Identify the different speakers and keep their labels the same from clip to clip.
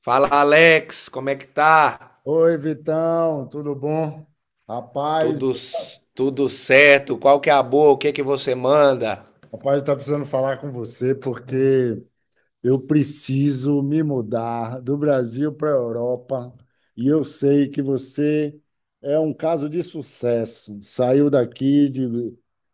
Speaker 1: Fala, Alex, como é que tá?
Speaker 2: Oi, Vitão, tudo bom? Rapaz,
Speaker 1: Tudo, tudo certo? Qual que é a boa? O que é que você manda?
Speaker 2: tá precisando falar com você porque eu preciso me mudar do Brasil para a Europa e eu sei que você é um caso de sucesso. Saiu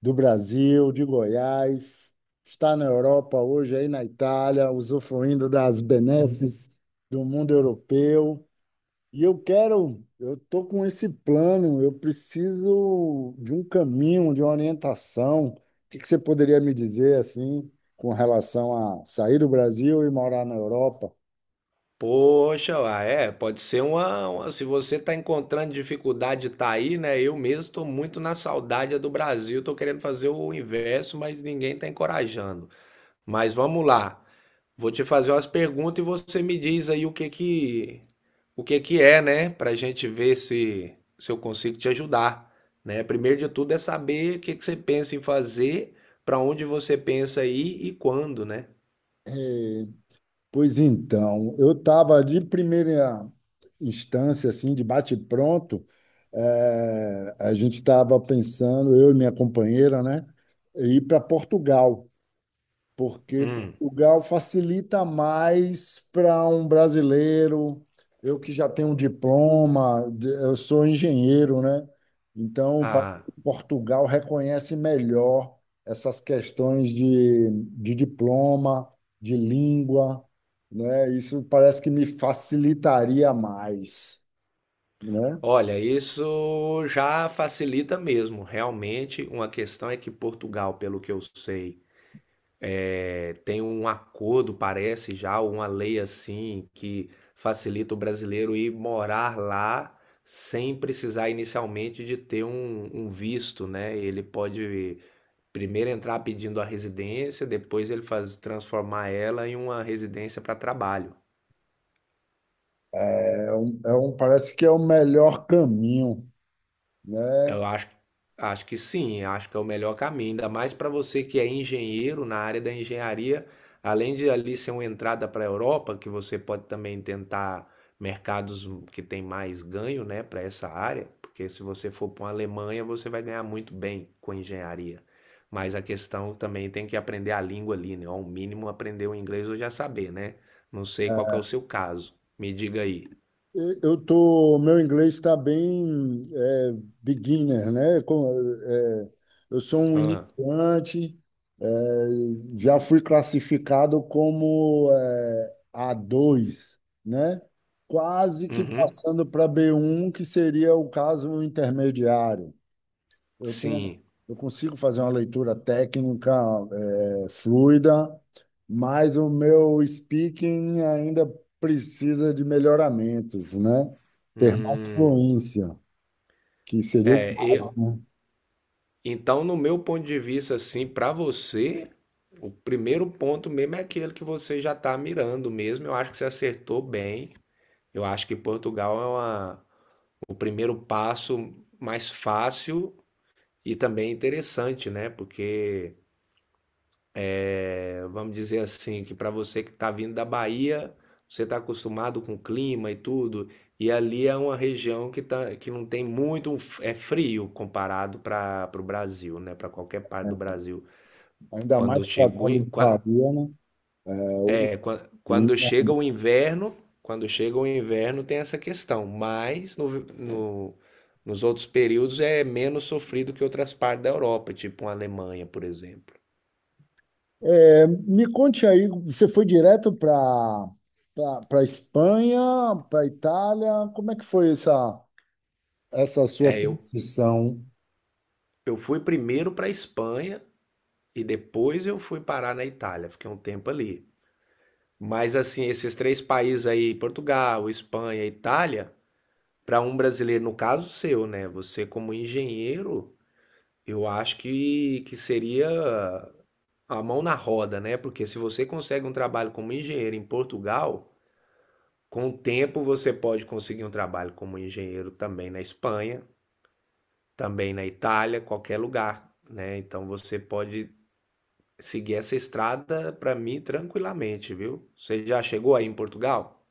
Speaker 2: do Brasil, de Goiás, está na Europa hoje, aí na Itália, usufruindo das benesses do mundo europeu. E eu quero, eu estou com esse plano, eu preciso de um caminho, de uma orientação. O que que você poderia me dizer assim, com relação a sair do Brasil e morar na Europa?
Speaker 1: Poxa, uai, é, pode ser Se você tá encontrando dificuldade, tá aí, né? Eu mesmo tô muito na saudade do Brasil, tô querendo fazer o inverso, mas ninguém tá encorajando. Mas vamos lá. Vou te fazer umas perguntas e você me diz aí o que que é, né, pra gente ver se eu consigo te ajudar, né? Primeiro de tudo é saber o que que você pensa em fazer, pra onde você pensa ir e quando, né?
Speaker 2: Eh, pois então, eu estava de primeira instância, assim, de bate-pronto, a gente estava pensando, eu e minha companheira, né, ir para Portugal. Porque
Speaker 1: Hum.
Speaker 2: Portugal facilita mais para um brasileiro. Eu que já tenho um diploma, eu sou engenheiro, né? Então, parece
Speaker 1: Ah,
Speaker 2: que Portugal reconhece melhor essas questões de diploma, de língua, né? Isso parece que me facilitaria mais, né?
Speaker 1: olha, isso já facilita mesmo. Realmente, uma questão é que Portugal, pelo que eu sei, tem um acordo, parece já, uma lei assim, que facilita o brasileiro ir morar lá sem precisar inicialmente de ter um visto, né? Ele pode primeiro entrar pedindo a residência, depois ele faz transformar ela em uma residência para trabalho.
Speaker 2: Parece que é o melhor caminho, né?
Speaker 1: Eu acho, acho que sim, acho que é o melhor caminho, ainda mais para você que é engenheiro na área da engenharia, além de ali ser uma entrada para a Europa, que você pode também tentar mercados que tem mais ganho, né, para essa área, porque se você for para uma Alemanha, você vai ganhar muito bem com engenharia. Mas a questão também tem que aprender a língua ali, né? Ao mínimo aprender o inglês ou já saber, né? Não sei qual que é o seu caso. Me diga aí.
Speaker 2: Eu tô, meu inglês está bem beginner, né? É, eu sou um
Speaker 1: Ah,
Speaker 2: iniciante, é, já fui classificado como A2 né? Quase que
Speaker 1: uhum,
Speaker 2: passando para B1 que seria o caso intermediário. Eu tenho,
Speaker 1: sim.
Speaker 2: eu consigo fazer uma leitura técnica, fluida, mas o meu speaking ainda precisa de melhoramentos, né? Ter mais
Speaker 1: Hum.
Speaker 2: fluência, que seria o
Speaker 1: É,
Speaker 2: caso, né?
Speaker 1: então, no meu ponto de vista, assim, para você, o primeiro ponto mesmo é aquele que você já está mirando mesmo. Eu acho que você acertou bem. Eu acho que Portugal é uma- O primeiro passo mais fácil e também interessante, né? Porque, é, vamos dizer assim, que para você que está vindo da Bahia, você está acostumado com o clima e tudo, e ali é uma região que, tá, que não tem muito, é frio comparado para o Brasil, né? Para qualquer parte do
Speaker 2: É,
Speaker 1: Brasil.
Speaker 2: Ainda
Speaker 1: Quando
Speaker 2: mais
Speaker 1: chega
Speaker 2: tratando de Bahia, né? É, o
Speaker 1: é, quando
Speaker 2: clima.
Speaker 1: chega o inverno, quando chega o inverno tem essa questão, mas nos outros períodos é menos sofrido que outras partes da Europa, tipo a Alemanha, por exemplo.
Speaker 2: É, me conte aí, você foi direto para Espanha, para Itália, como é que foi essa sua
Speaker 1: É,
Speaker 2: transição?
Speaker 1: eu fui primeiro para a Espanha e depois eu fui parar na Itália, fiquei um tempo ali. Mas assim, esses três países aí, Portugal, Espanha, Itália, para um brasileiro, no caso seu, né? Você como engenheiro, eu acho que seria a mão na roda, né? Porque se você consegue um trabalho como engenheiro em Portugal, com o tempo você pode conseguir um trabalho como engenheiro também na Espanha, também na Itália, qualquer lugar, né? Então você pode seguir essa estrada para mim tranquilamente, viu? Você já chegou aí em Portugal?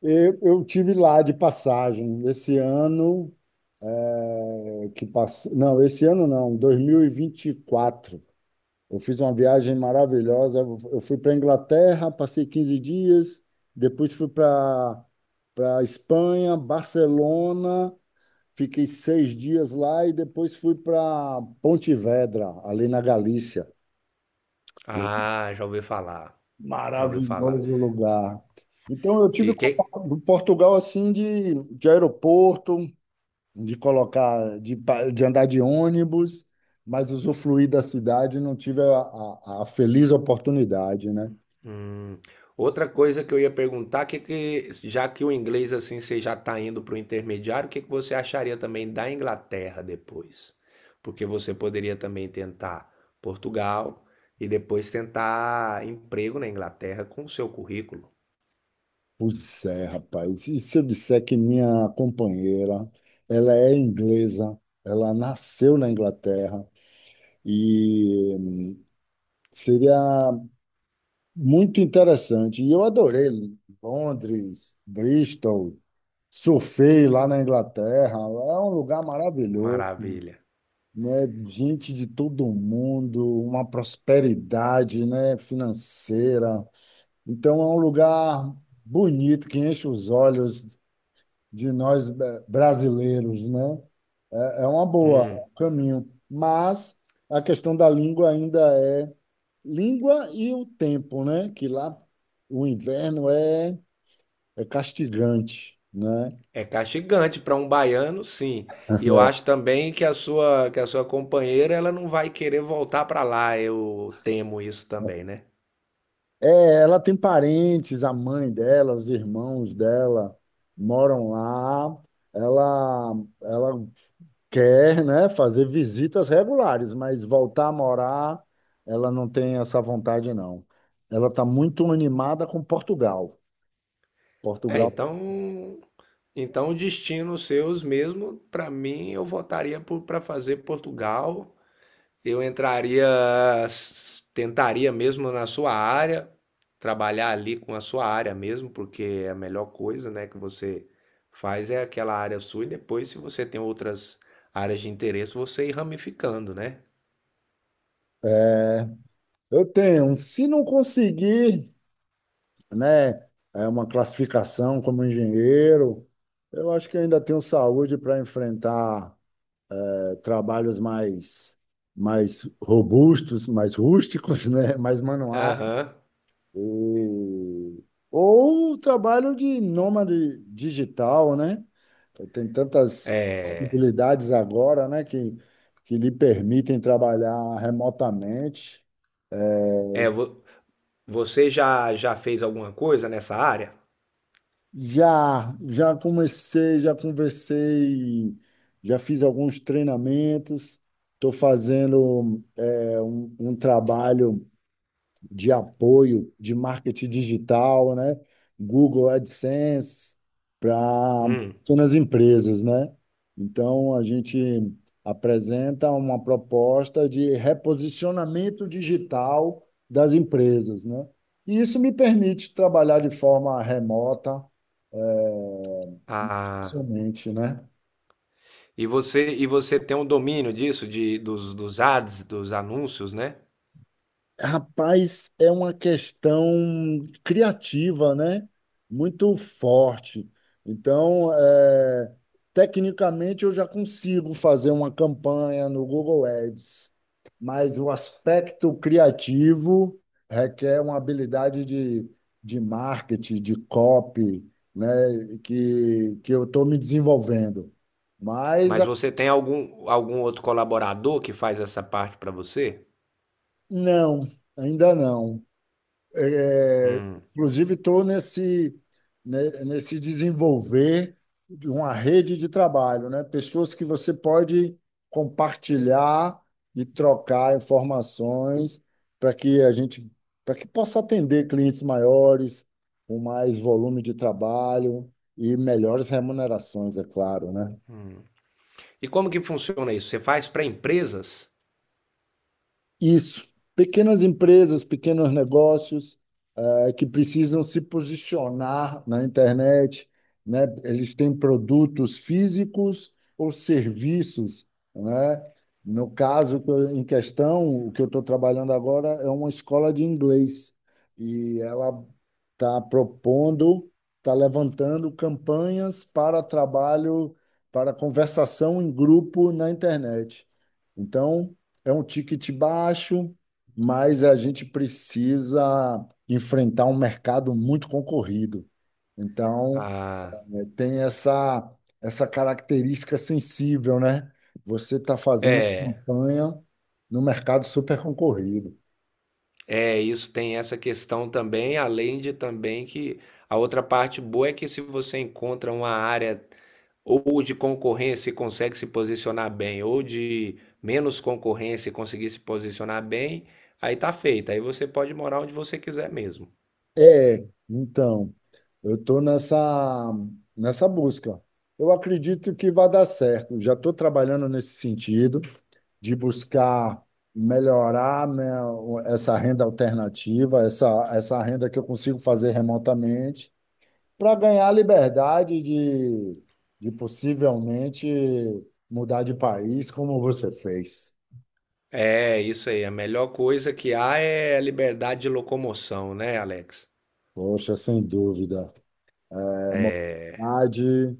Speaker 2: Eu tive lá de passagem esse ano que passou, não, esse ano não, 2024. Eu fiz uma viagem maravilhosa. Eu fui para a Inglaterra, passei 15 dias, depois fui para Espanha, Barcelona, fiquei 6 dias lá e depois fui para Pontevedra, ali na Galícia.
Speaker 1: Ah, já ouvi falar, já ouvi falar.
Speaker 2: Maravilhoso lugar. Então, eu
Speaker 1: E
Speaker 2: tive
Speaker 1: que,
Speaker 2: contato com Portugal assim de aeroporto, de andar de ônibus, mas usufruir da cidade, não tive a feliz oportunidade, né?
Speaker 1: Hum. Outra coisa que eu ia perguntar, já que o inglês assim você já está indo para o intermediário, o que que você acharia também da Inglaterra depois? Porque você poderia também tentar Portugal e depois tentar emprego na Inglaterra com o seu currículo.
Speaker 2: Pois é, rapaz. E se eu disser que minha companheira, ela é inglesa, ela nasceu na Inglaterra e seria muito interessante. E eu adorei Londres, Bristol, surfei lá na Inglaterra. É um lugar maravilhoso,
Speaker 1: Maravilha.
Speaker 2: né? Gente de todo mundo, uma prosperidade, né? Financeira. Então é um lugar bonito que enche os olhos de nós brasileiros, né? É é uma boa é
Speaker 1: Hum.
Speaker 2: um caminho, mas a questão da língua ainda é língua e o tempo, né? Que lá o inverno é, é castigante, né?
Speaker 1: É castigante para um baiano, sim. E eu acho também que a sua companheira ela não vai querer voltar para lá. Eu temo isso também, né?
Speaker 2: É, ela tem parentes, a mãe dela, os irmãos dela moram lá. Ela, ela quer, né, fazer visitas regulares, mas voltar a morar, ela não tem essa vontade, não. Ela está muito animada com Portugal.
Speaker 1: É,
Speaker 2: Portugal,
Speaker 1: então, Então, o destino seus mesmo, para mim, eu votaria para fazer Portugal. Eu entraria, tentaria mesmo na sua área, trabalhar ali com a sua área mesmo, porque é a melhor coisa, né, que você faz é aquela área sua e depois, se você tem outras áreas de interesse, você ir ramificando, né?
Speaker 2: é, eu tenho. Se não conseguir, né, é uma classificação como engenheiro, eu acho que ainda tenho saúde para enfrentar trabalhos mais, mais robustos, mais rústicos, né? Mais manuais.
Speaker 1: Aham.
Speaker 2: E... Ou o trabalho de nômade digital, né? Tem tantas possibilidades agora, né, que lhe permitem trabalhar remotamente.
Speaker 1: É, você já fez alguma coisa nessa área?
Speaker 2: Já, já comecei, já conversei, já fiz alguns treinamentos. Estou fazendo um trabalho de apoio de marketing digital, né? Google AdSense para
Speaker 1: Hum.
Speaker 2: pequenas empresas, né? Então, a gente apresenta uma proposta de reposicionamento digital das empresas, né? E isso me permite trabalhar de forma remota,
Speaker 1: Ah,
Speaker 2: somente, né?
Speaker 1: e você, e você tem um domínio disso, dos, dos ads, dos anúncios, né?
Speaker 2: Rapaz, é uma questão criativa, né? Muito forte. Então, é, tecnicamente, eu já consigo fazer uma campanha no Google Ads, mas o aspecto criativo requer uma habilidade de marketing, de copy, né? Que eu estou me desenvolvendo. Mas
Speaker 1: Mas
Speaker 2: a-
Speaker 1: você tem algum, algum outro colaborador que faz essa parte para você?
Speaker 2: não, ainda não. É,
Speaker 1: Hum.
Speaker 2: inclusive, estou nesse, né, nesse desenvolver de uma rede de trabalho, né? Pessoas que você pode compartilhar e trocar informações para que para que possa atender clientes maiores, com mais volume de trabalho e melhores remunerações, é claro, né?
Speaker 1: E como que funciona isso? Você faz para empresas?
Speaker 2: Isso, pequenas empresas, pequenos negócios que precisam se posicionar na internet, né? Eles têm produtos físicos ou serviços, né? No caso que eu- Em questão, o que eu estou trabalhando agora é uma escola de inglês e ela está propondo, está levantando campanhas para trabalho, para conversação em grupo na internet. Então é um ticket baixo, mas a gente precisa enfrentar um mercado muito concorrido. Então,
Speaker 1: Ah,
Speaker 2: tem essa característica sensível, né? Você está fazendo
Speaker 1: é,
Speaker 2: campanha no mercado super concorrido.
Speaker 1: é, isso tem essa questão também, além de também que a outra parte boa é que se você encontra uma área ou de concorrência e consegue se posicionar bem, ou de menos concorrência e conseguir se posicionar bem, aí tá feito. Aí você pode morar onde você quiser mesmo.
Speaker 2: É, então, eu estou nessa, nessa busca. Eu acredito que vai dar certo. Já estou trabalhando nesse sentido. De buscar melhorar, né, essa renda alternativa, essa renda que eu consigo fazer remotamente, para ganhar a liberdade de possivelmente mudar de país, como você fez.
Speaker 1: É, isso aí. A melhor coisa que há é a liberdade de locomoção, né, Alex?
Speaker 2: Poxa, sem dúvida. É, mobilidade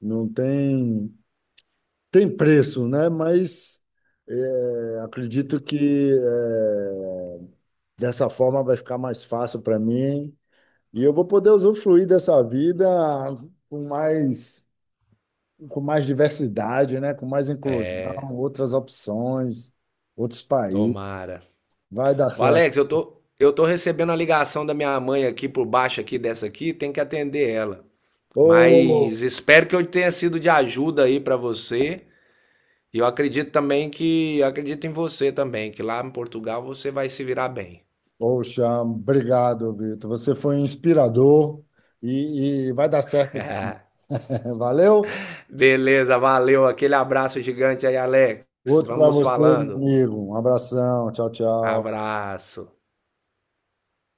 Speaker 2: não tem, tem preço, né? Mas é, acredito que é, dessa forma vai ficar mais fácil para mim. E eu vou poder usufruir dessa vida com mais, com mais diversidade, né? Com mais inclusão, outras opções, outros países.
Speaker 1: Tomara.
Speaker 2: Vai dar
Speaker 1: Ô,
Speaker 2: certo.
Speaker 1: Alex, eu tô recebendo a ligação da minha mãe aqui por baixo aqui dessa aqui, tem que atender ela.
Speaker 2: Ô,
Speaker 1: Mas espero que eu tenha sido de ajuda aí pra você. Eu acredito em você também, que lá em Portugal você vai se virar bem.
Speaker 2: poxa, obrigado, Vitor. Você foi um inspirador e vai dar certo. Valeu?
Speaker 1: Beleza, valeu. Aquele abraço gigante aí, Alex.
Speaker 2: Outro
Speaker 1: Vamos
Speaker 2: para
Speaker 1: nos
Speaker 2: você, meu
Speaker 1: falando.
Speaker 2: amigo. Um abração. Tchau, tchau.
Speaker 1: Abraço.